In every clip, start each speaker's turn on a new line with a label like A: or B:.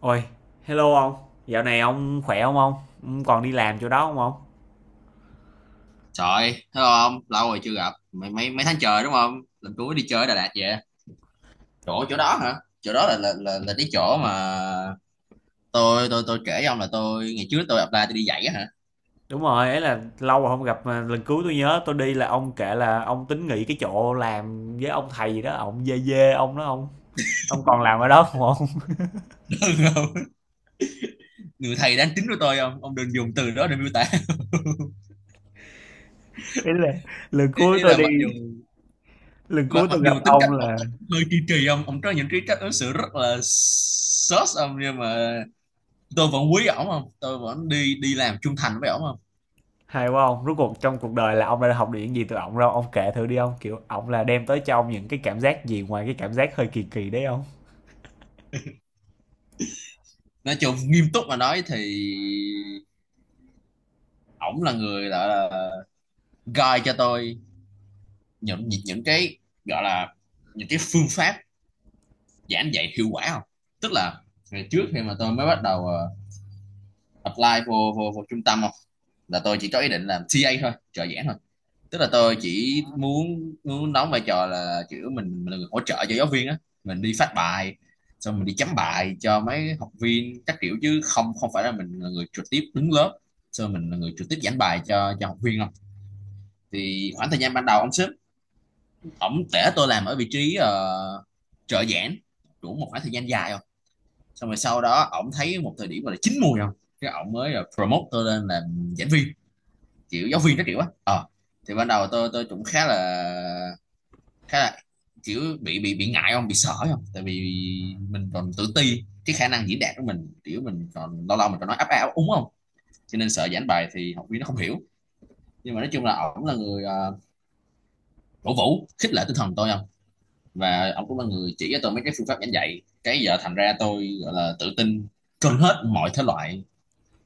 A: Ôi, hello ông, dạo này ông khỏe không ông? Ông còn đi làm chỗ đó không ông?
B: Trời ơi, thấy không? Lâu rồi chưa gặp. Mấy mấy mấy tháng trời đúng không? Lần cuối đi chơi ở Đà Lạt vậy. Chỗ chỗ đó hả? Chỗ đó là cái chỗ mà tôi kể với ông là tôi ngày trước tôi apply tôi đi dạy á hả?
A: Đúng rồi, ấy là lâu rồi không gặp mà lần cuối tôi nhớ tôi đi là ông kể là ông tính nghỉ cái chỗ làm với ông thầy gì đó, ông dê dê ông đó ông. Ông còn làm ở đó không ông?
B: Đúng không? Người thầy đáng kính của tôi không? Ông đừng dùng từ đó để miêu tả.
A: Đấy là lần
B: Ý,
A: cuối
B: ý
A: tôi
B: là
A: đi,
B: mặc dù
A: lần
B: mặc,
A: cuối
B: mặc
A: tôi gặp
B: dù tính
A: ông
B: cách ông,
A: là
B: ông hơi kỳ kỳ không? Ông có những cái cách ứng xử rất là sốt ông, nhưng mà tôi vẫn quý ổng không? Tôi vẫn đi đi làm trung thành với ổng không?
A: hay quá ông, rốt cuộc trong cuộc đời là ông đã học được những gì từ ông đâu, ông kể thử đi ông, kiểu ông là đem tới cho ông những cái cảm giác gì ngoài cái cảm giác hơi kỳ kỳ đấy ông.
B: Nói chung nghiêm túc mà nói thì ổng là người gọi là guide cho tôi những cái, gọi là những cái phương pháp giảng dạy hiệu quả không, tức là ngày trước khi mà tôi mới bắt đầu apply vô, vô vô trung tâm không, là tôi chỉ có ý định làm TA thôi, trợ giảng thôi, tức là tôi chỉ muốn muốn đóng vai trò là kiểu mình là người hỗ trợ cho giáo viên á, mình đi phát bài, xong mình đi chấm bài cho mấy học viên các kiểu, chứ không không phải là mình là người trực tiếp đứng lớp, xong mình là người trực tiếp giảng bài cho học viên không. Thì khoảng thời gian ban đầu ông sếp. Tổng thể tôi làm ở vị trí trợ giảng đủ một khoảng thời gian dài không, xong rồi sau đó ổng thấy một thời điểm gọi là chín mùi không, cái ổng mới là promote tôi lên làm giảng viên, kiểu giáo viên các kiểu á. Ờ, thì ban đầu tôi cũng khá là kiểu bị ngại không, bị sợ không, tại vì mình còn tự ti cái khả năng diễn đạt của mình, kiểu mình còn lâu lâu mình còn nói áp áo úng không, cho nên sợ giảng bài thì học viên nó không hiểu. Nhưng mà nói chung là ổng là người cổ vũ khích lệ tinh thần tôi không, và ông cũng là người chỉ cho tôi mấy cái phương pháp giảng dạy, cái giờ thành ra tôi gọi là tự tin trên hết mọi thể loại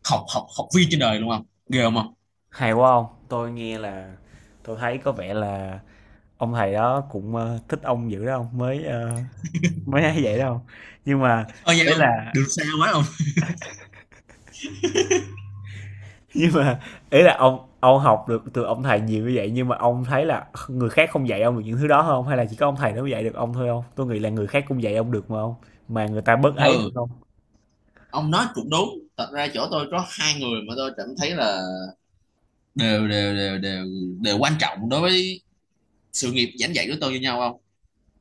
B: học học học viên trên đời luôn không, ghê không không
A: Hay quá ông, tôi nghe là tôi thấy có vẻ là ông thầy đó cũng, thích ông dữ đó ông, mới, mới ấy vậy đâu. Nhưng mà
B: Thôi nha,
A: ý
B: không
A: là
B: được sao quá không.
A: nhưng mà ý là ông học được từ ông thầy nhiều như vậy, nhưng mà ông thấy là người khác không dạy ông được những thứ đó không? Hay là chỉ có ông thầy đó mới dạy được ông thôi không? Tôi nghĩ là người khác cũng dạy ông được mà không, mà người ta bớt ấy hơn
B: Ừ,
A: không?
B: ông nói cũng đúng. Thật ra chỗ tôi có hai người mà tôi cảm thấy là đều đều đều đều đều quan trọng đối với sự nghiệp giảng dạy của tôi như nhau không.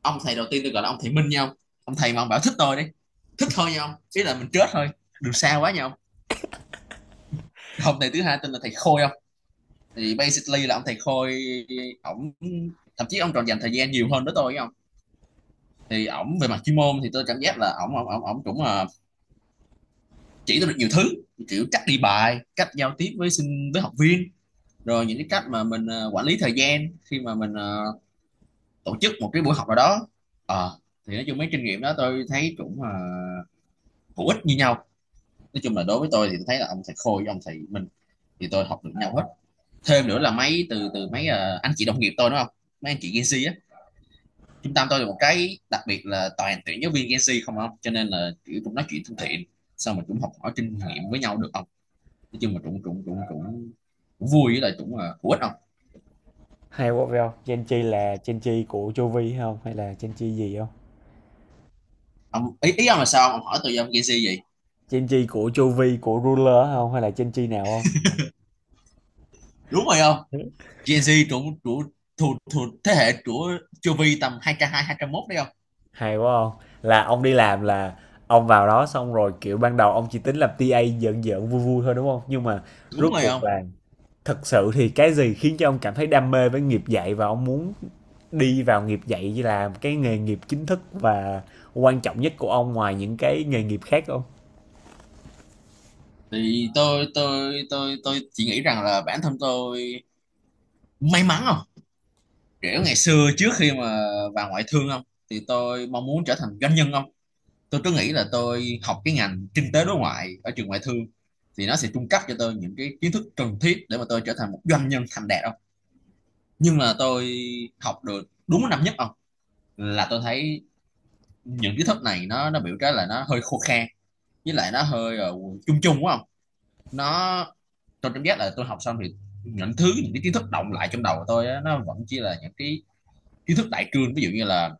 B: Ông thầy đầu tiên tôi gọi là ông thầy Minh nhau ông. Ông thầy mà ông bảo thích tôi đi, thích thôi nhau, ý là mình chết thôi, được sao quá nhau. Ông thầy thứ hai tên là thầy Khôi không, thì basically là ông thầy Khôi, ổng, thậm chí ông còn dành thời gian nhiều hơn với tôi không. Thì ổng về mặt chuyên môn thì tôi cảm giác là ổng ổng ổng ổng cũng chỉ tôi được nhiều thứ, kiểu cách đi bài, cách giao tiếp với học viên, rồi những cái cách mà mình quản lý thời gian khi mà mình tổ chức một cái buổi học nào đó. Ờ, thì nói chung mấy kinh nghiệm đó tôi thấy cũng hữu ích như nhau. Nói chung là đối với tôi thì tôi thấy là ông thầy Khôi với ông thầy Minh thì tôi học được nhau hết. Thêm nữa là mấy từ từ mấy anh chị đồng nghiệp tôi, đúng không, mấy anh chị Gen Z á, trung tâm tôi là một cái đặc biệt là toàn tuyển giáo viên Gen Z không ông, cho nên là kiểu cũng nói chuyện thân thiện sao mà cũng học hỏi kinh nghiệm với nhau được không? Nói chung mà cũng cũng cũng cũng cũng vui với lại cũng là hữu ích không?
A: Hay quá phải hông? Gen Chi là Gen Chi của Chu Vi hay hông? Hay là Gen Chi gì không?
B: Ông ý ý ông là sao, ông hỏi tôi ông Gen Z gì?
A: Gen Chi của Chu Vi, của ruler không? Hay là Gen Chi nào
B: Đúng rồi không.
A: không?
B: Gen Z trụ trụ thuộc thuộc thế hệ của chu vi tầm 202 201 đấy không.
A: Hay quá không. Là ông đi làm là ông vào đó xong rồi, kiểu, ban đầu ông chỉ tính làm TA giỡn giỡn, vui vui thôi, đúng không? Nhưng mà
B: Đúng
A: rốt
B: rồi
A: cuộc
B: không.
A: là thật sự thì cái gì khiến cho ông cảm thấy đam mê với nghiệp dạy, và ông muốn đi vào nghiệp dạy như là cái nghề nghiệp chính thức và quan trọng nhất của ông ngoài những cái nghề nghiệp khác không?
B: Thì tôi chỉ nghĩ rằng là bản thân tôi may mắn không, kiểu ngày xưa trước khi mà vào ngoại thương không, thì tôi mong muốn trở thành doanh nhân không. Tôi nghĩ là tôi học cái ngành kinh tế đối ngoại ở trường ngoại thương thì nó sẽ cung cấp cho tôi những cái kiến thức cần thiết để mà tôi trở thành một doanh nhân thành đạt không. Nhưng mà tôi học được đúng năm nhất không, là tôi thấy những kiến thức này nó biểu cái là nó hơi khô khan, với lại nó hơi chung chung quá không. Nó, tôi cảm giác là tôi học xong thì những cái kiến thức động lại trong đầu của tôi á, nó vẫn chỉ là những cái kiến thức đại cương, ví dụ như là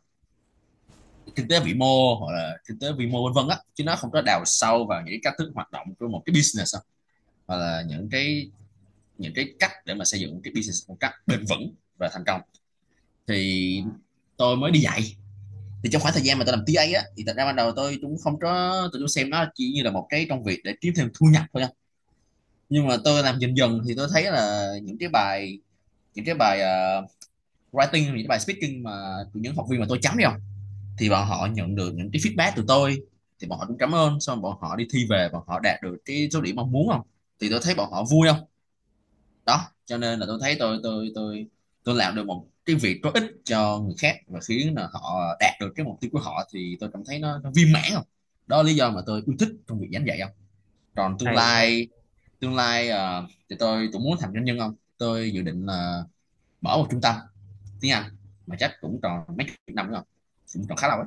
B: kinh tế vĩ mô hoặc là kinh tế vĩ mô vân vân á, chứ nó không có đào sâu vào những cái cách thức hoạt động của một cái business, hoặc là những cái cách để mà xây dựng cái business một cách bền vững và thành công. Thì tôi mới đi dạy, thì trong khoảng thời gian mà tôi làm TA á, thì thật ra ban đầu tôi cũng không có, tôi cũng xem nó chỉ như là một cái công việc để kiếm thêm thu nhập thôi nha. Nhưng mà tôi làm dần dần thì tôi thấy là những cái bài writing, những cái bài speaking mà những học viên mà tôi chấm đi không, thì bọn họ nhận được những cái feedback từ tôi, thì bọn họ cũng cảm ơn, xong bọn họ đi thi về, bọn họ đạt được cái số điểm mong muốn không, thì tôi thấy bọn họ vui không. Đó cho nên là tôi thấy tôi làm được một cái việc có ích cho người khác và khiến là họ đạt được cái mục tiêu của họ, thì tôi cảm thấy nó viên mãn không. Đó là lý do mà tôi yêu thích trong việc giảng dạy không. Còn tương
A: Hay quá,
B: lai tương lai thì tôi cũng muốn thành doanh nhân không, tôi dự định là mở một trung tâm tiếng Anh, mà chắc cũng còn mấy chục năm nữa không, cũng còn khá lâu ấy.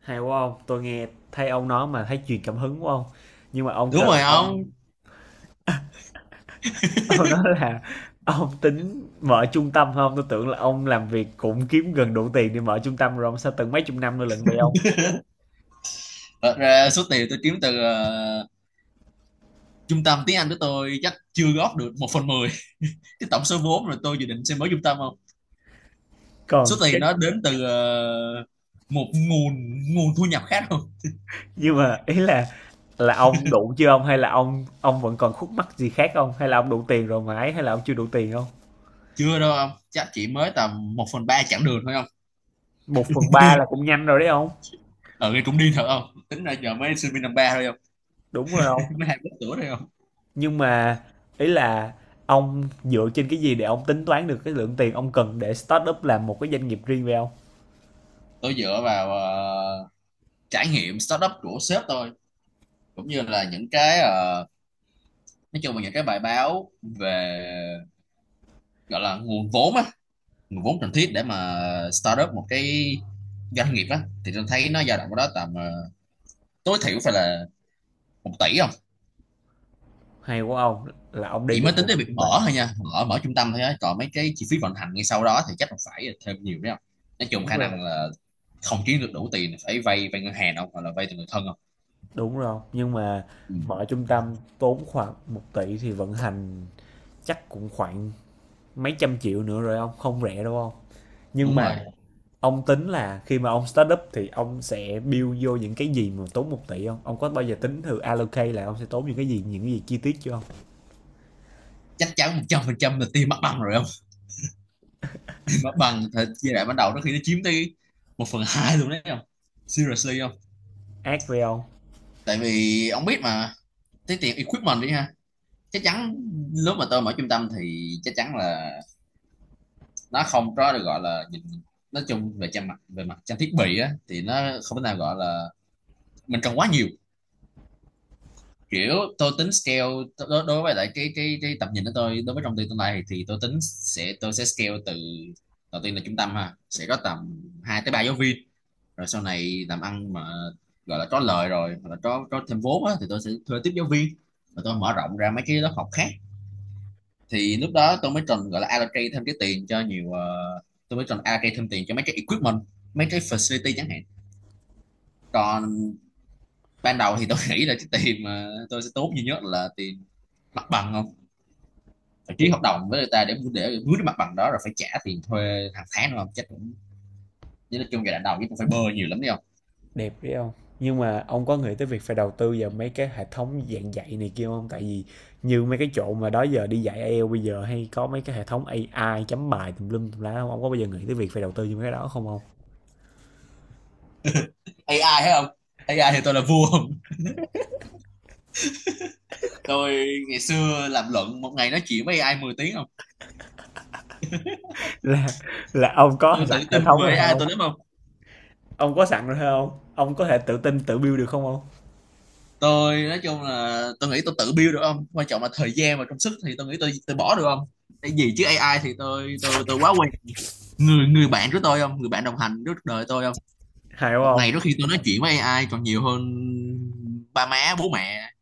A: hay quá không. Tôi nghe thấy ông nói mà thấy truyền cảm hứng quá không. Nhưng mà ông
B: Đúng
A: kêu
B: rồi
A: là ông
B: không?
A: ông nói là ông tính mở trung tâm không? Tôi tưởng là ông làm việc cũng kiếm gần đủ tiền để mở trung tâm rồi ông, sao từng mấy chục năm nữa lận vậy ông?
B: Thật ra số tiền tôi kiếm từ trung tâm tiếng Anh của tôi chắc chưa góp được một phần mười cái tổng số vốn rồi tôi dự định sẽ mở trung tâm không. Số
A: Còn cái
B: tiền đó đến từ một nguồn nguồn thu nhập khác không.
A: nhưng mà ý là ông đủ chưa ông? Hay là ông vẫn còn khúc mắc gì khác không? Hay là ông đủ tiền rồi mà ấy? Hay là ông chưa đủ tiền không?
B: Chưa đâu ông, chắc chỉ mới tầm một phần ba chặng đường thôi không.
A: Một phần ba là cũng nhanh rồi đấy ông.
B: Ở đây cũng đi thật không, tính ra giờ mới sinh viên năm ba thôi không.
A: Đúng rồi ông.
B: Mới 20 tuổi thôi không.
A: Nhưng mà ý là ông dựa trên cái gì để ông tính toán được cái lượng tiền ông cần để start up làm một cái doanh nghiệp riêng về ông?
B: Tôi dựa vào trải nghiệm startup của sếp tôi, cũng như là những cái nói chung là những cái bài báo về, gọi là nguồn vốn á, nguồn vốn cần thiết để mà start up một cái doanh nghiệp á, thì tôi thấy nó dao động ở đó tầm tối thiểu phải là 1 tỷ.
A: Hay quá ông, là ông đi
B: Chỉ mới
A: được
B: tính tới việc
A: 1/3.
B: mở thôi nha, mở mở trung tâm thôi á, còn mấy cái chi phí vận hành ngay sau đó thì chắc là phải thêm nhiều đấy không. Nói chung
A: Đúng
B: khả
A: rồi.
B: năng là không kiếm được đủ tiền, phải vay vay ngân hàng không, hoặc là vay từ người thân không.
A: Đúng rồi, nhưng mà
B: Ừ.
A: mở trung tâm tốn khoảng một tỷ thì vận hành chắc cũng khoảng mấy trăm triệu nữa rồi ông, không rẻ đâu ông. Nhưng
B: Đúng
A: mà
B: rồi,
A: ông tính là khi mà ông start up thì ông sẽ build vô những cái gì mà tốn một tỷ không? Ông có bao giờ tính thử allocate là ông sẽ tốn những cái gì chi tiết chưa không?
B: chắc chắn 100% là tiền mất bằng rồi không. Mất mặt bằng thì giai đoạn ban đầu nó khi nó chiếm tới 1/2 luôn đấy không, seriously không.
A: Ác với ông.
B: Tại vì ông biết mà cái tiền equipment đi ha, chắc chắn lúc mà tôi mở trung tâm thì chắc chắn là nó không có được gọi là nhìn, nói chung về trang mặt về mặt trang thiết bị á thì nó không thể nào gọi là mình cần quá nhiều. Kiểu tôi tính scale, đối với lại cái tầm nhìn của tôi đối với trong tương lai thì tôi tính sẽ tôi sẽ scale từ đầu tiên là trung tâm ha, sẽ có tầm 2 tới 3 giáo viên. Rồi sau này làm ăn mà gọi là có lời rồi hoặc là có thêm vốn á, thì tôi sẽ thuê tiếp giáo viên và tôi mở rộng ra mấy cái lớp học khác. Thì lúc đó tôi mới cần gọi là allocate thêm cái tiền cho nhiều tôi mới cần allocate thêm tiền cho mấy cái equipment, mấy cái facility chẳng hạn. Còn ban đầu thì tôi nghĩ là cái tiền mà tôi sẽ tốn duy nhất là tiền mặt bằng không, phải ký hợp đồng với người ta để mướn cái mặt bằng đó rồi phải trả tiền thuê hàng tháng, đúng không? Chắc cũng, chứ nói chung giai đoạn đầu chứ cũng phải bơ nhiều lắm đấy không.
A: Đẹp đấy ông. Nhưng mà ông có nghĩ tới việc phải đầu tư vào mấy cái hệ thống dạy này kia không? Tại vì như mấy cái chỗ mà đó giờ đi dạy IELTS bây giờ hay có mấy cái hệ thống AI chấm bài tùm lum tùm lá không? Ông có bao giờ nghĩ tới việc phải đầu tư như mấy cái đó không ông?
B: AI thấy không? AI thì tôi là vua không, tôi ngày xưa làm luận một ngày nói chuyện với AI 10 tiếng không.
A: Là là ông có
B: Tôi tự
A: sẵn hệ
B: tin
A: thống
B: về
A: rồi
B: AI
A: không?
B: tôi lắm không.
A: Ông có sẵn rồi không? Ông có thể tự tin tự build được không ông?
B: Tôi nói chung là tôi nghĩ tôi tự build được không, quan trọng là thời gian và công sức thì tôi nghĩ tôi bỏ được không. Cái gì chứ AI thì tôi quá quen, người người bạn của tôi không, người bạn đồng hành suốt đời tôi không.
A: Hay không?
B: Một
A: Ông?
B: ngày đôi khi tôi nói chuyện với AI còn nhiều hơn ba má bố mẹ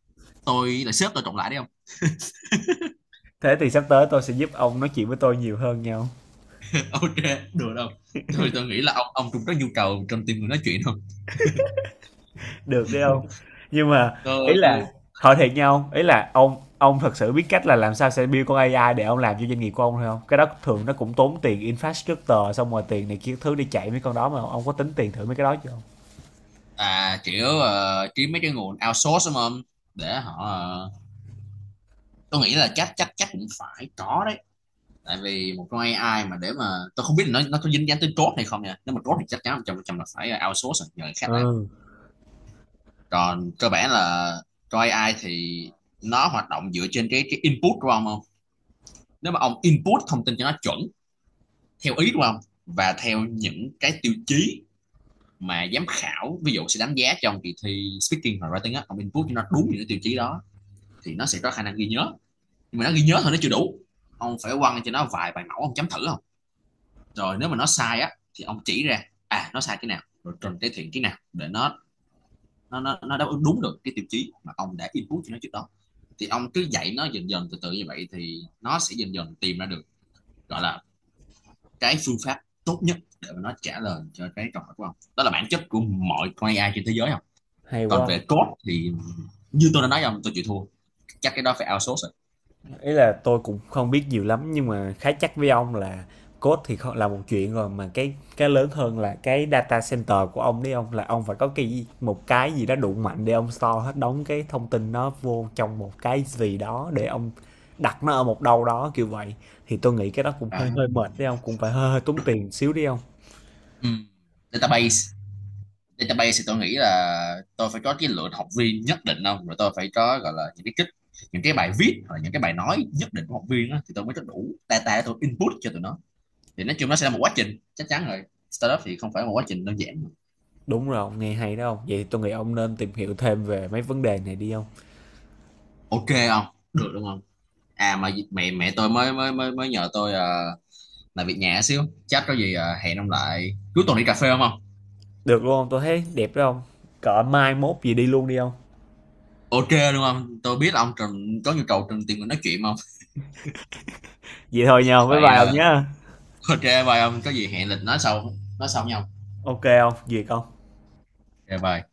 B: tôi là sếp tôi cộng lại đấy không.
A: Thế thì sắp tới tôi sẽ giúp ông nói chuyện với tôi nhiều hơn nhau.
B: Ok, được không, tôi nghĩ là ông cũng có nhu cầu trong team người nói chuyện không.
A: Được đấy ông. Nhưng mà ý
B: tôi
A: là
B: tôi
A: hỏi thiệt nhau, ý là ông thật sự biết cách là làm sao sẽ build con AI để ông làm cho doanh nghiệp của ông thôi không? Cái đó thường nó cũng tốn tiền infrastructure xong rồi tiền này kia thứ đi chạy mấy con đó, mà ông có tính tiền thử mấy cái đó chưa không?
B: à, kiểu kiếm mấy cái nguồn outsource đúng không, để họ tôi nghĩ là chắc chắc chắc cũng phải có đấy. Tại vì một con AI mà để mà tôi không biết là nó có dính dáng tới code hay không nha, nếu mà code thì chắc chắn 100% là phải outsource rồi, nhờ người khác làm.
A: Ừ.
B: Còn cơ bản là con AI thì nó hoạt động dựa trên cái input của ông không. Nếu mà ông input thông tin cho nó chuẩn theo ý của ông và theo những cái tiêu chí mà giám khảo ví dụ sẽ đánh giá trong kỳ thi speaking và writing á, ông input cho nó đúng những cái tiêu chí đó thì nó sẽ có khả năng ghi nhớ. Nhưng mà nó ghi nhớ thôi nó chưa đủ, ông phải quăng cho nó vài bài mẫu ông chấm thử, rồi nếu mà nó sai á thì ông chỉ ra à nó sai cái nào rồi cần cải thiện cái nào để nó đáp ứng đúng được cái tiêu chí mà ông đã input cho nó trước đó. Thì ông cứ dạy nó dần dần từ từ như vậy thì nó sẽ dần dần tìm ra được gọi là cái phương pháp tốt nhất để mà nó trả lời cho cái câu hỏi của ông, đó là bản chất của mọi con AI trên thế giới không.
A: Hay
B: Còn
A: quá.
B: về code thì như tôi đã nói với ông, tôi chịu thua, chắc cái đó phải outsource rồi.
A: Ý là tôi cũng không biết nhiều lắm, nhưng mà khá chắc với ông là code thì không là một chuyện rồi, mà cái lớn hơn là cái data center của ông đấy ông, là ông phải có cái một cái gì đó đủ mạnh để ông store hết đóng cái thông tin nó vô trong một cái gì đó để ông đặt nó ở một đâu đó kiểu vậy, thì tôi nghĩ cái đó cũng
B: À,
A: hơi hơi mệt đấy ông, cũng phải hơi, hơi tốn tiền xíu đi ông.
B: ừ. Database, database thì tôi nghĩ là tôi phải có cái lượng học viên nhất định không, rồi tôi phải có gọi là những cái kích, những cái bài viết hoặc là những cái bài nói nhất định của học viên á, thì tôi mới có đủ data để tôi input cho tụi nó. Thì nói chung nó sẽ là một quá trình chắc chắn rồi, startup thì không phải một quá trình đơn giản.
A: Đúng rồi ông, nghe hay đó ông, vậy thì tôi nghĩ ông nên tìm hiểu thêm về mấy vấn đề này đi ông.
B: Ok không, được, đúng không? À mà mẹ mẹ tôi mới mới nhờ tôi làm việc nhà xíu, chắc có gì hẹn ông lại cuối tuần đi cà phê không không.
A: Được luôn ông, tôi thấy đẹp đó ông, cỡ mai mốt gì đi luôn đi ông.
B: Ok, đúng không, tôi biết là ông Trần có nhu cầu Trần tìm người nói chuyện không.
A: Vậy thôi nhau, bye
B: Vậy
A: bye ông nhé.
B: ok bye ông, có gì hẹn lịch nói sau, nói sau nhau.
A: OK không, Việc hông?
B: Ok bye.